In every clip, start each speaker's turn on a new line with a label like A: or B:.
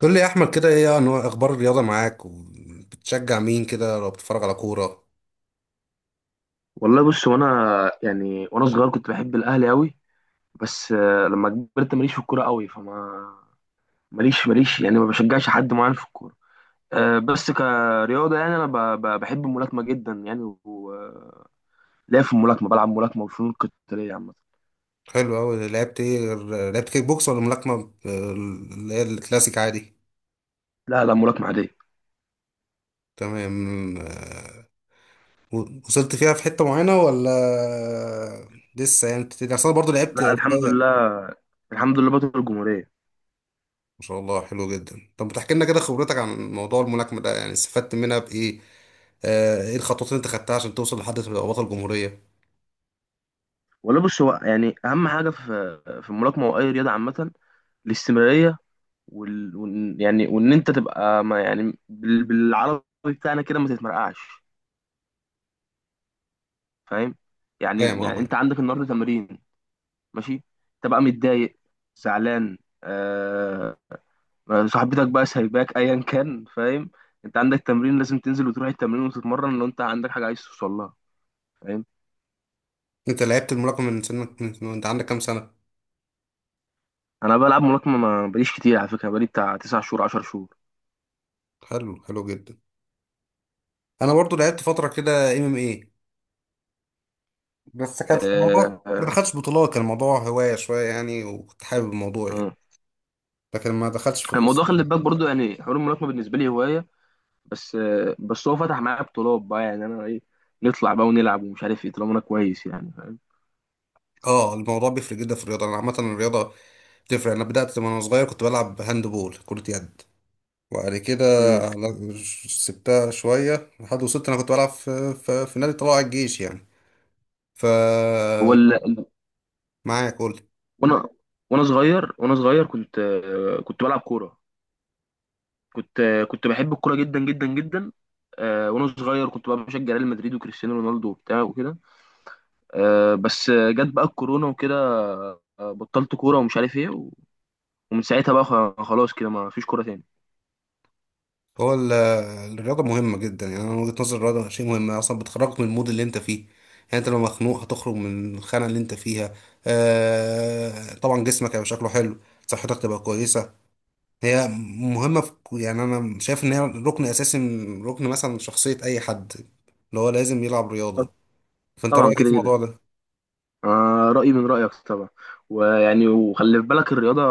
A: قول لي يا احمد كده، ايه انواع اخبار الرياضه معاك وبتشجع مين كده لو بتتفرج على كوره؟
B: والله بص، وانا يعني وانا صغير كنت بحب الاهلي قوي. بس، لما كبرت ماليش في الكوره قوي، فما ماليش يعني ما بشجعش حد معين في الكوره. بس كرياضه، يعني انا بحب الملاكمه جدا، يعني وليا في الملاكمه، بلعب ملاكمه وفنون قتاليه عامه.
A: حلو قوي، لعبت ايه لعبت كيك بوكس ولا ملاكمه؟ اللي هي الكلاسيك عادي.
B: لا، لا، ملاكمه عاديه.
A: تمام، آه، و- وصلت فيها في حته معينه ولا لسه يعني بتبتدي؟ اصل انا برضه لعبت
B: لا، الحمد
A: شويه.
B: لله. الحمد لله، بطل الجمهوريه.
A: ما شاء الله، حلو جدا. طب بتحكي لنا كده خبرتك عن موضوع الملاكمه ده، يعني استفدت منها بايه؟ ايه الخطوات اللي انت خدتها عشان توصل لحد تبقى بطل جمهوريه؟
B: والله بص، هو يعني اهم حاجه في الملاكمه واي رياضه عامه الاستمراريه. يعني وان انت تبقى، ما يعني، بالعربي بتاعنا كده، ما تتمرقعش. فاهم.
A: فاهم،
B: يعني
A: اه،
B: يعني انت
A: معاك.
B: عندك النهارده تمرين. ماشي. تبقى متضايق، زعلان، آه... صاحبتك بقى سايباك، ايا كان، فاهم. انت عندك تمرين لازم تنزل وتروح التمرين وتتمرن لو انت عندك حاجه عايز توصل لها. فاهم.
A: انت لعبت الملاكمه من سنك، انت عندك كام سنه؟
B: انا بلعب ملاكمه ما بقاليش كتير، على فكره بقالي بتاع 9 شهور، 10 شهور.
A: حلو، حلو جدا. انا برضو لعبت فتره كده، ام ام اي. بس كانت
B: آه.
A: الموضوع ما
B: آه.
A: دخلتش بطولات، كان الموضوع هوايه شويه يعني، وكنت حابب الموضوع يعني.
B: آه.
A: لكن ما دخلتش في
B: الموضوع،
A: القصه
B: خلي
A: دي.
B: بالك برضو، يعني حوار الملاكمه بالنسبه لي هوايه بس. بس هو فتح معايا بطولات، بقى يعني انا ايه، نطلع بقى ونلعب، ومش عارف ايه طالما انا كويس يعني. فاهم.
A: اه، الموضوع بيفرق جدا في الرياضه. انا عامه الرياضه بتفرق. انا بدات وانا صغير كنت بلعب هاند بول، كره يد. وبعد كده
B: مم.
A: على- سبتها شويه. لحد وصلت انا كنت بلعب في نادي طلائع الجيش يعني. ف
B: هو ال... ال-
A: معايا، قول.
B: وانا وانا صغير كنت بلعب كوره. كنت بحب الكوره جدا جدا جدا. وانا صغير كنت بقى بشجع ريال مدريد وكريستيانو رونالدو وبتاع وكده. بس، جت بقى الكورونا وكده. بطلت كوره ومش عارف ايه ومن ساعتها بقى، خلاص كده ما فيش كوره تاني.
A: هو ال- الرياضة مهمة جدا. يعني أنا من وجهة نظري الرياضة شيء مهم أصلا، بتخرجك من المود اللي أنت فيه. يعني أنت لو مخنوق هتخرج من الخانة اللي أنت فيها. آه طبعا جسمك هيبقى شكله حلو، صحتك تبقى كويسة. هي مهمة في يعني أنا شايف إن هي ركن أساسي من ركن مثلا شخصية أي حد، اللي هو لازم يلعب رياضة. فأنت
B: طبعا
A: رأيك إيه
B: كده
A: في
B: كده.
A: الموضوع ده؟
B: آه، رأيي من رأيك طبعا. ويعني وخلي في بالك الرياضة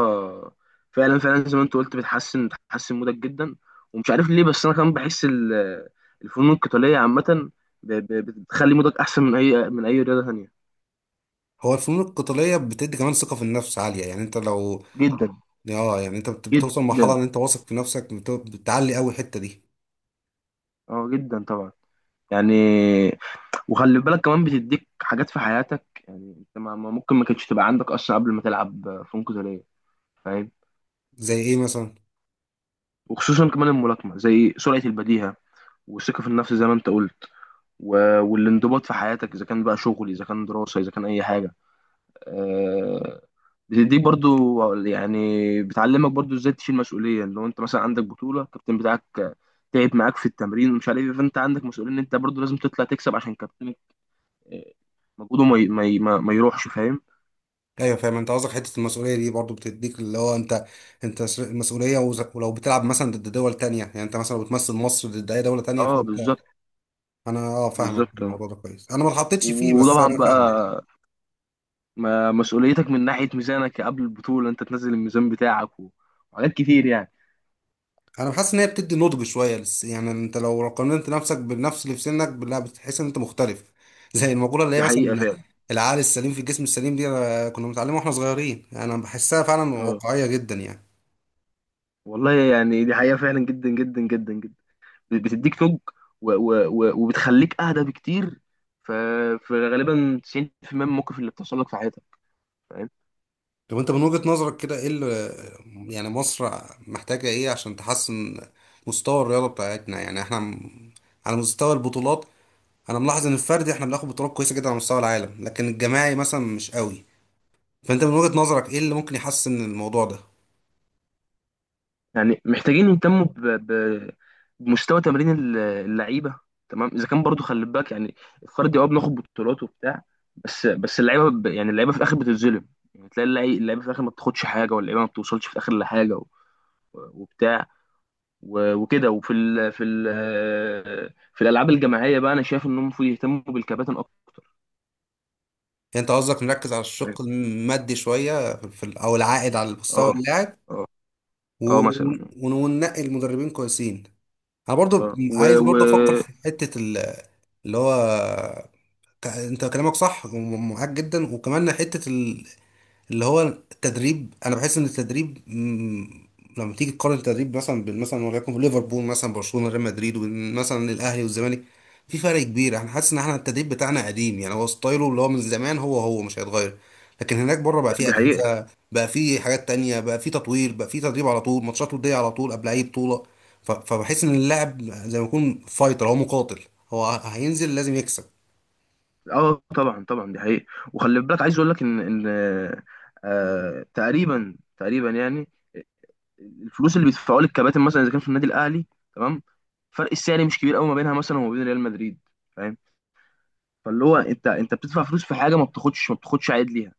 B: فعلا فعلا، زي ما انت قلت، بتحسن مودك جدا. ومش عارف ليه، بس انا كمان بحس الفنون القتالية عامة بتخلي مودك احسن من اي رياضة تانية.
A: هو الفنون القتالية بتدي كمان ثقة في النفس عالية. يعني أنت لو،
B: جدا.
A: يعني أنت بتوصل لمرحلة
B: جدا.
A: إن أنت واثق في نفسك، بتعلي أوي الحتة دي.
B: اه، جدا طبعا. يعني وخلي بالك كمان بتديك حاجات في حياتك، يعني انت ممكن ما كانتش تبقى عندك اصلا قبل ما تلعب فنون قتالية. فاهم.
A: زي إيه مثلا؟
B: وخصوصا كمان الملاكمة، زي سرعة البديهة، والثقة في النفس زي ما انت قلت، والانضباط في حياتك، اذا كان بقى شغل، اذا كان دراسه، اذا كان اي حاجه. آه، دي برضو يعني بتعلمك برضو ازاي تشيل مسؤوليه. لو انت مثلا عندك بطوله، الكابتن بتاعك تعب معاك في التمرين، ومش عارف ايه، فانت عندك مسؤوليه ان انت برضو لازم تطلع تكسب عشان كابتنك، آه، مجهوده ما ي- ما ي- ما ما يروحش. فاهم.
A: ايوه، فاهم. انت قصدك حته المسؤوليه دي برضو بتديك اللي هو انت، انت المسؤوليه، ولو بتلعب مثلا ضد دول تانية. يعني انت مثلا لو بتمثل مصر ضد اي دوله تانية،
B: اه،
A: فانت.
B: بالظبط.
A: انا، اه، فاهمك في
B: بالظبط. آه.
A: الموضوع ده كويس. انا ما اتحطيتش فيه بس
B: وطبعا
A: انا فاهمك.
B: بقى مسؤوليتك من ناحيه ميزانك، قبل البطوله انت تنزل الميزان بتاعك، وحاجات كتير يعني.
A: انا بحس ان هي بتدي نضج شويه لس. يعني انت لو قارنت نفسك بالنفس اللي في سنك، لا بتحس ان انت مختلف زي المقوله اللي هي
B: دي حقيقه
A: مثلا
B: فعلا.
A: العقل السليم في الجسم السليم. دي أنا كنا بنتعلمها واحنا صغيرين. يعني انا بحسها فعلا
B: اه.
A: واقعيه جدا يعني.
B: والله يعني دي حقيقة فعلا، جدا جدا جدا جدا. بتديك توج، وبتخليك أهدى بكتير. ف... فغالبا 90% من المواقف اللي بتحصل لك في حياتك. فاهم.
A: طب انت من وجهة نظرك كده، ايه اللي، يعني مصر محتاجة ايه عشان تحسن مستوى الرياضة بتاعتنا؟ يعني احنا على مستوى البطولات، انا ملاحظ ان الفردي احنا بناخد بطولات كويسة جدا على مستوى العالم، لكن الجماعي مثلا مش قوي. فانت من وجهة نظرك ايه اللي ممكن يحسن الموضوع ده؟
B: يعني محتاجين يهتموا بمستوى تمرين اللعيبة. تمام، إذا كان برضو خلي بالك، يعني الفردي، بناخد بطولات وبتاع. بس اللعيبة، يعني اللعيبة في الآخر بتتظلم. يعني تلاقي اللعيبة في الآخر ما بتاخدش حاجة، واللعيبة ما بتوصلش في الآخر لحاجة، وبتاع وكده. وفي ال في ال في الالعاب الجماعيه بقى، انا شايف انهم المفروض يهتموا بالكباتن اكتر.
A: يعني انت قصدك نركز على الشق المادي شوية في او العائد على مستوى
B: اه.
A: اللاعب،
B: اه.
A: و-
B: اه، مثلا.
A: ون- وننقي المدربين كويسين. انا
B: اه،
A: برضو
B: و,
A: عايز
B: و
A: برضو افكر في حتة اللي هو، انت كلامك صح ومعاك جدا. وكمان حتة اللي هو التدريب. انا بحس ان التدريب لما تيجي تقارن التدريب مثلا بين، مثلا وليكن ليفربول، مثلا برشلونة، ريال مدريد، وبين مثلا الاهلي والزمالك، في فرق كبير. انا حاسس ان احنا التدريب بتاعنا قديم يعني، هو ستايله اللي هو من زمان، هو مش هيتغير. لكن هناك بره بقى في
B: دي حقيقه.
A: اجهزة، بقى في حاجات تانية، بقى في تطوير، بقى في تدريب على طول، ماتشات ودية على طول قبل اي بطولة. ف- فبحس ان اللاعب زي ما يكون فايتر، هو مقاتل، هو هينزل لازم يكسب.
B: اه، طبعا طبعا، دي حقيقه. وخلي بالك، عايز اقول لك ان، ان تقريبا تقريبا، يعني الفلوس اللي بيدفعوها للكباتن مثلا، اذا كان في النادي الاهلي، تمام، فرق السعر مش كبير قوي ما بينها مثلا، وما بين ريال مدريد. فاهم. فاللي هو، انت بتدفع فلوس في حاجه، ما بتاخدش عائد ليها.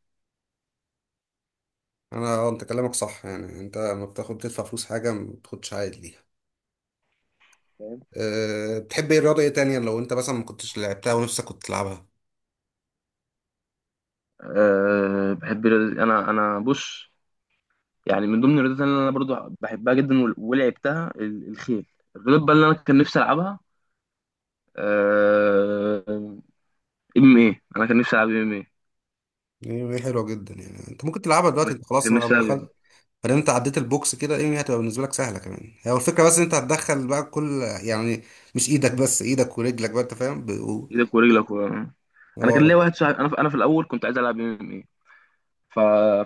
A: انا، اه، انت كلامك صح. يعني انت لما بتاخد تدفع فلوس حاجه ما بتاخدش عائد ليها. أه بتحب ايه رياضه ايه تانية لو انت مثلا ما كنتش لعبتها ونفسك كنت تلعبها؟
B: بحب رياضة، أنا بص، يعني من ضمن الرياضات اللي أنا برضو بحبها جدا ولعبتها، الخيل. الرياضة بقى اللي أنا كان نفسي ألعبها، أه، ام ايه. أنا كان نفسي ألعب ام ايه.
A: يعني هي حلوه جدا، يعني انت ممكن تلعبها دلوقتي،
B: أنا
A: انت خلاص
B: كان
A: ما
B: نفسي
A: لما
B: ألعب.
A: دخلت، بعدين انت عديت البوكس كده، ايه هتبقى بالنسبه لك سهله كمان. هي الفكره بس إن انت هتدخل بقى كل يعني، مش ايدك بس، ايدك ورجلك بقى، انت فاهم
B: إيدك ورجلك أنا كان ليا
A: هو،
B: واحد صاحبي. أنا في الأول كنت عايز ألعب ام ايه. ف...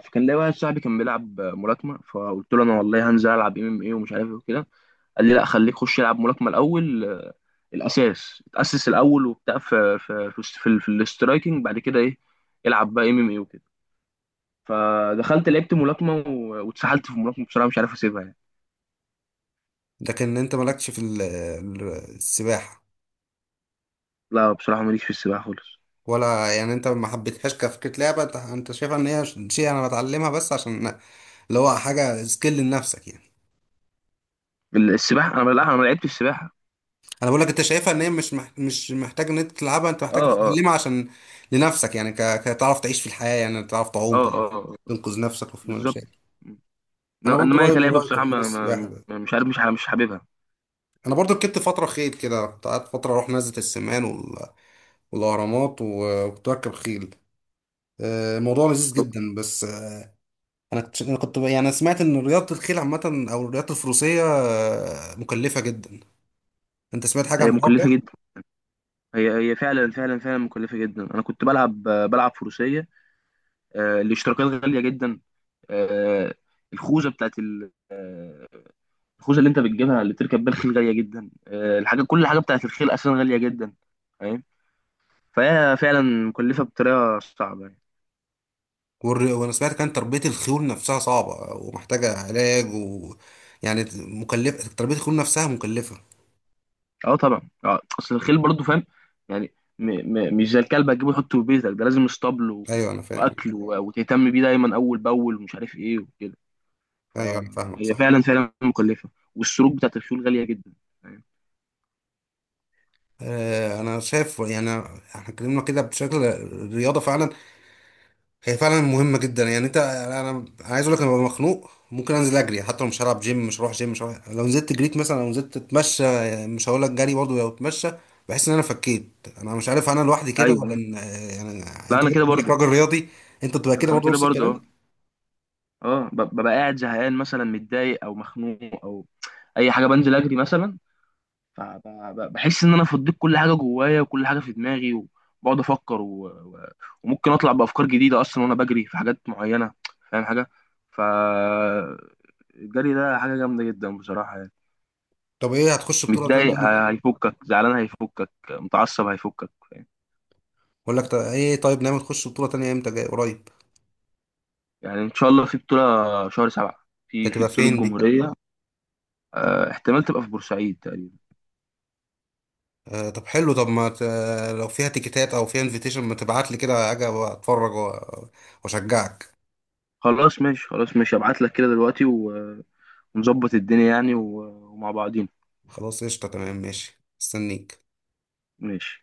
B: فكان ليا واحد صاحبي كان بيلعب ملاكمة، فقلت له أنا والله هنزل ألعب ام ام ايه ومش عارف إيه وكده. قال لي لا، خليك خش العب ملاكمه الاول. الاساس اتاسس الاول وبتاع في في الاسترايكنج، بعد كده ايه، العب بقى ام ام اي وكده. فدخلت لعبت ملاكمه واتسحلت في الملاكمه، بصراحه مش عارف اسيبها يعني.
A: لكن انت مالكش في السباحه،
B: لا، بصراحه ماليش في السباحه خالص.
A: ولا يعني انت ما حبيتهاش كفكرة لعبة؟ انت شايفها ان هي شيء انا بتعلمها بس عشان، اللي هو حاجة سكيل لنفسك يعني.
B: السباحه انا، لا انا ما لعبتش السباحه.
A: انا بقول لك، انت شايفها ان هي مش محتاج ان انت تلعبها، انت
B: اه.
A: محتاج
B: اه.
A: تتعلمها عشان لنفسك يعني، كتعرف تعيش في الحياة، يعني تعرف تعوم،
B: اه.
A: تعرف
B: اه. آه.
A: تنقذ نفسك وفي
B: بالظبط.
A: مشاكل. انا برضو
B: انما هي
A: رأيي من
B: كلعبه
A: رأيك في
B: بصراحه،
A: حوار السباحة ده.
B: مش عارف، مش حاببها.
A: انا برضو ركبت فترة خيل كده، كنت قعدت فترة اروح نزلة السمان والاهرامات، و- وكنت بركب خيل. الموضوع لذيذ جدا، بس انا كنت أنا كنت- يعني انا سمعت ان رياضه الخيل عامه او الرياضه الفروسيه مكلفه جدا. انت سمعت حاجه عن
B: هي
A: الحوار ده؟
B: مكلفه جدا. هي فعلا فعلا فعلا مكلفه جدا. انا كنت بلعب فروسيه. الاشتراكات غالية جدا. آه، الخوذة بتاعت ال- آه، الخوذة اللي انت بتجيبها اللي بتركب بيها الخيل غالية جدا. كل حاجة بتاعت الخيل أساسا غالية جدا. فاهم. فهي فعلا مكلفة بطريقة صعبة يعني.
A: والر- وانا سمعت كان تربيه الخيول نفسها صعبه ومحتاجه علاج، و، يعني مكلفه. تربيه الخيول نفسها مكلفه.
B: اه، طبعا. اه، اصل الخيل برضه، فاهم، يعني م مش زي الكلب هتجيبه تحطه في بيتك، ده لازم اسطبل
A: ايوه انا فاهم.
B: واكل، وتهتم بيه دايما اول باول، ومش عارف ايه وكده.
A: ايوه انا فاهمك،
B: فهي
A: صح.
B: فعلا فعلا مكلفة. والسروج بتاعت الخيول غالية جدا. فاهم؟
A: انا شايف يعني احنا اتكلمنا كده بشكل الرياضه. فعلا هي فعلا مهمه جدا. يعني انت، أنا عايز اقول لك، انا ببقى مخنوق ممكن انزل اجري، حتى لو مش هلعب جيم، مش هروح جيم، مش هروح، لو نزلت جريت مثلا، لو نزلت اتمشى، مش هقول لك جري، برضه لو اتمشى، بحس ان انا فكيت. انا مش عارف، انا لوحدي كده
B: ايوه.
A: ولا يعني،
B: لا،
A: انت
B: انا
A: برضه
B: كده
A: انك
B: برضه.
A: راجل رياضي، انت بتبقى كده
B: انا
A: برضه
B: كده
A: نفس
B: برضه.
A: الكلام؟
B: اه، ببقى قاعد زهقان مثلا، متضايق او مخنوق، او اي حاجه بنزل اجري مثلا. فبحس ان انا فضيت كل حاجه جوايا، وكل حاجه في دماغي، وبقعد افكر، وممكن اطلع بافكار جديده اصلا وانا بجري في حاجات معينه. فاهم حاجه. ف الجري ده حاجه جامده جدا بصراحه يعني.
A: طب ايه، هتخش بطوله تانية
B: متضايق
A: امتى؟
B: هيفكك، زعلان هيفكك، متعصب هيفكك، فاهم.
A: اقول لك، طب ايه، طيب نعمل، تخش بطوله تانية امتى، جاي قريب؟
B: يعني ان شاء الله في بطوله شهر سبعة،
A: ده
B: في
A: تبقى
B: بطوله
A: فين دي؟
B: جمهوريه. احتمال تبقى في بورسعيد تقريبا.
A: آه طب حلو. طب ما لو فيها تيكيتات او فيها انفيتيشن ما تبعت لي كده، اجي اتفرج واشجعك.
B: خلاص ماشي، خلاص ماشي، ابعت لك كده دلوقتي ونظبط الدنيا يعني، ومع بعضين.
A: خلاص، قشطة، تمام، ماشي، استنيك.
B: ماشي.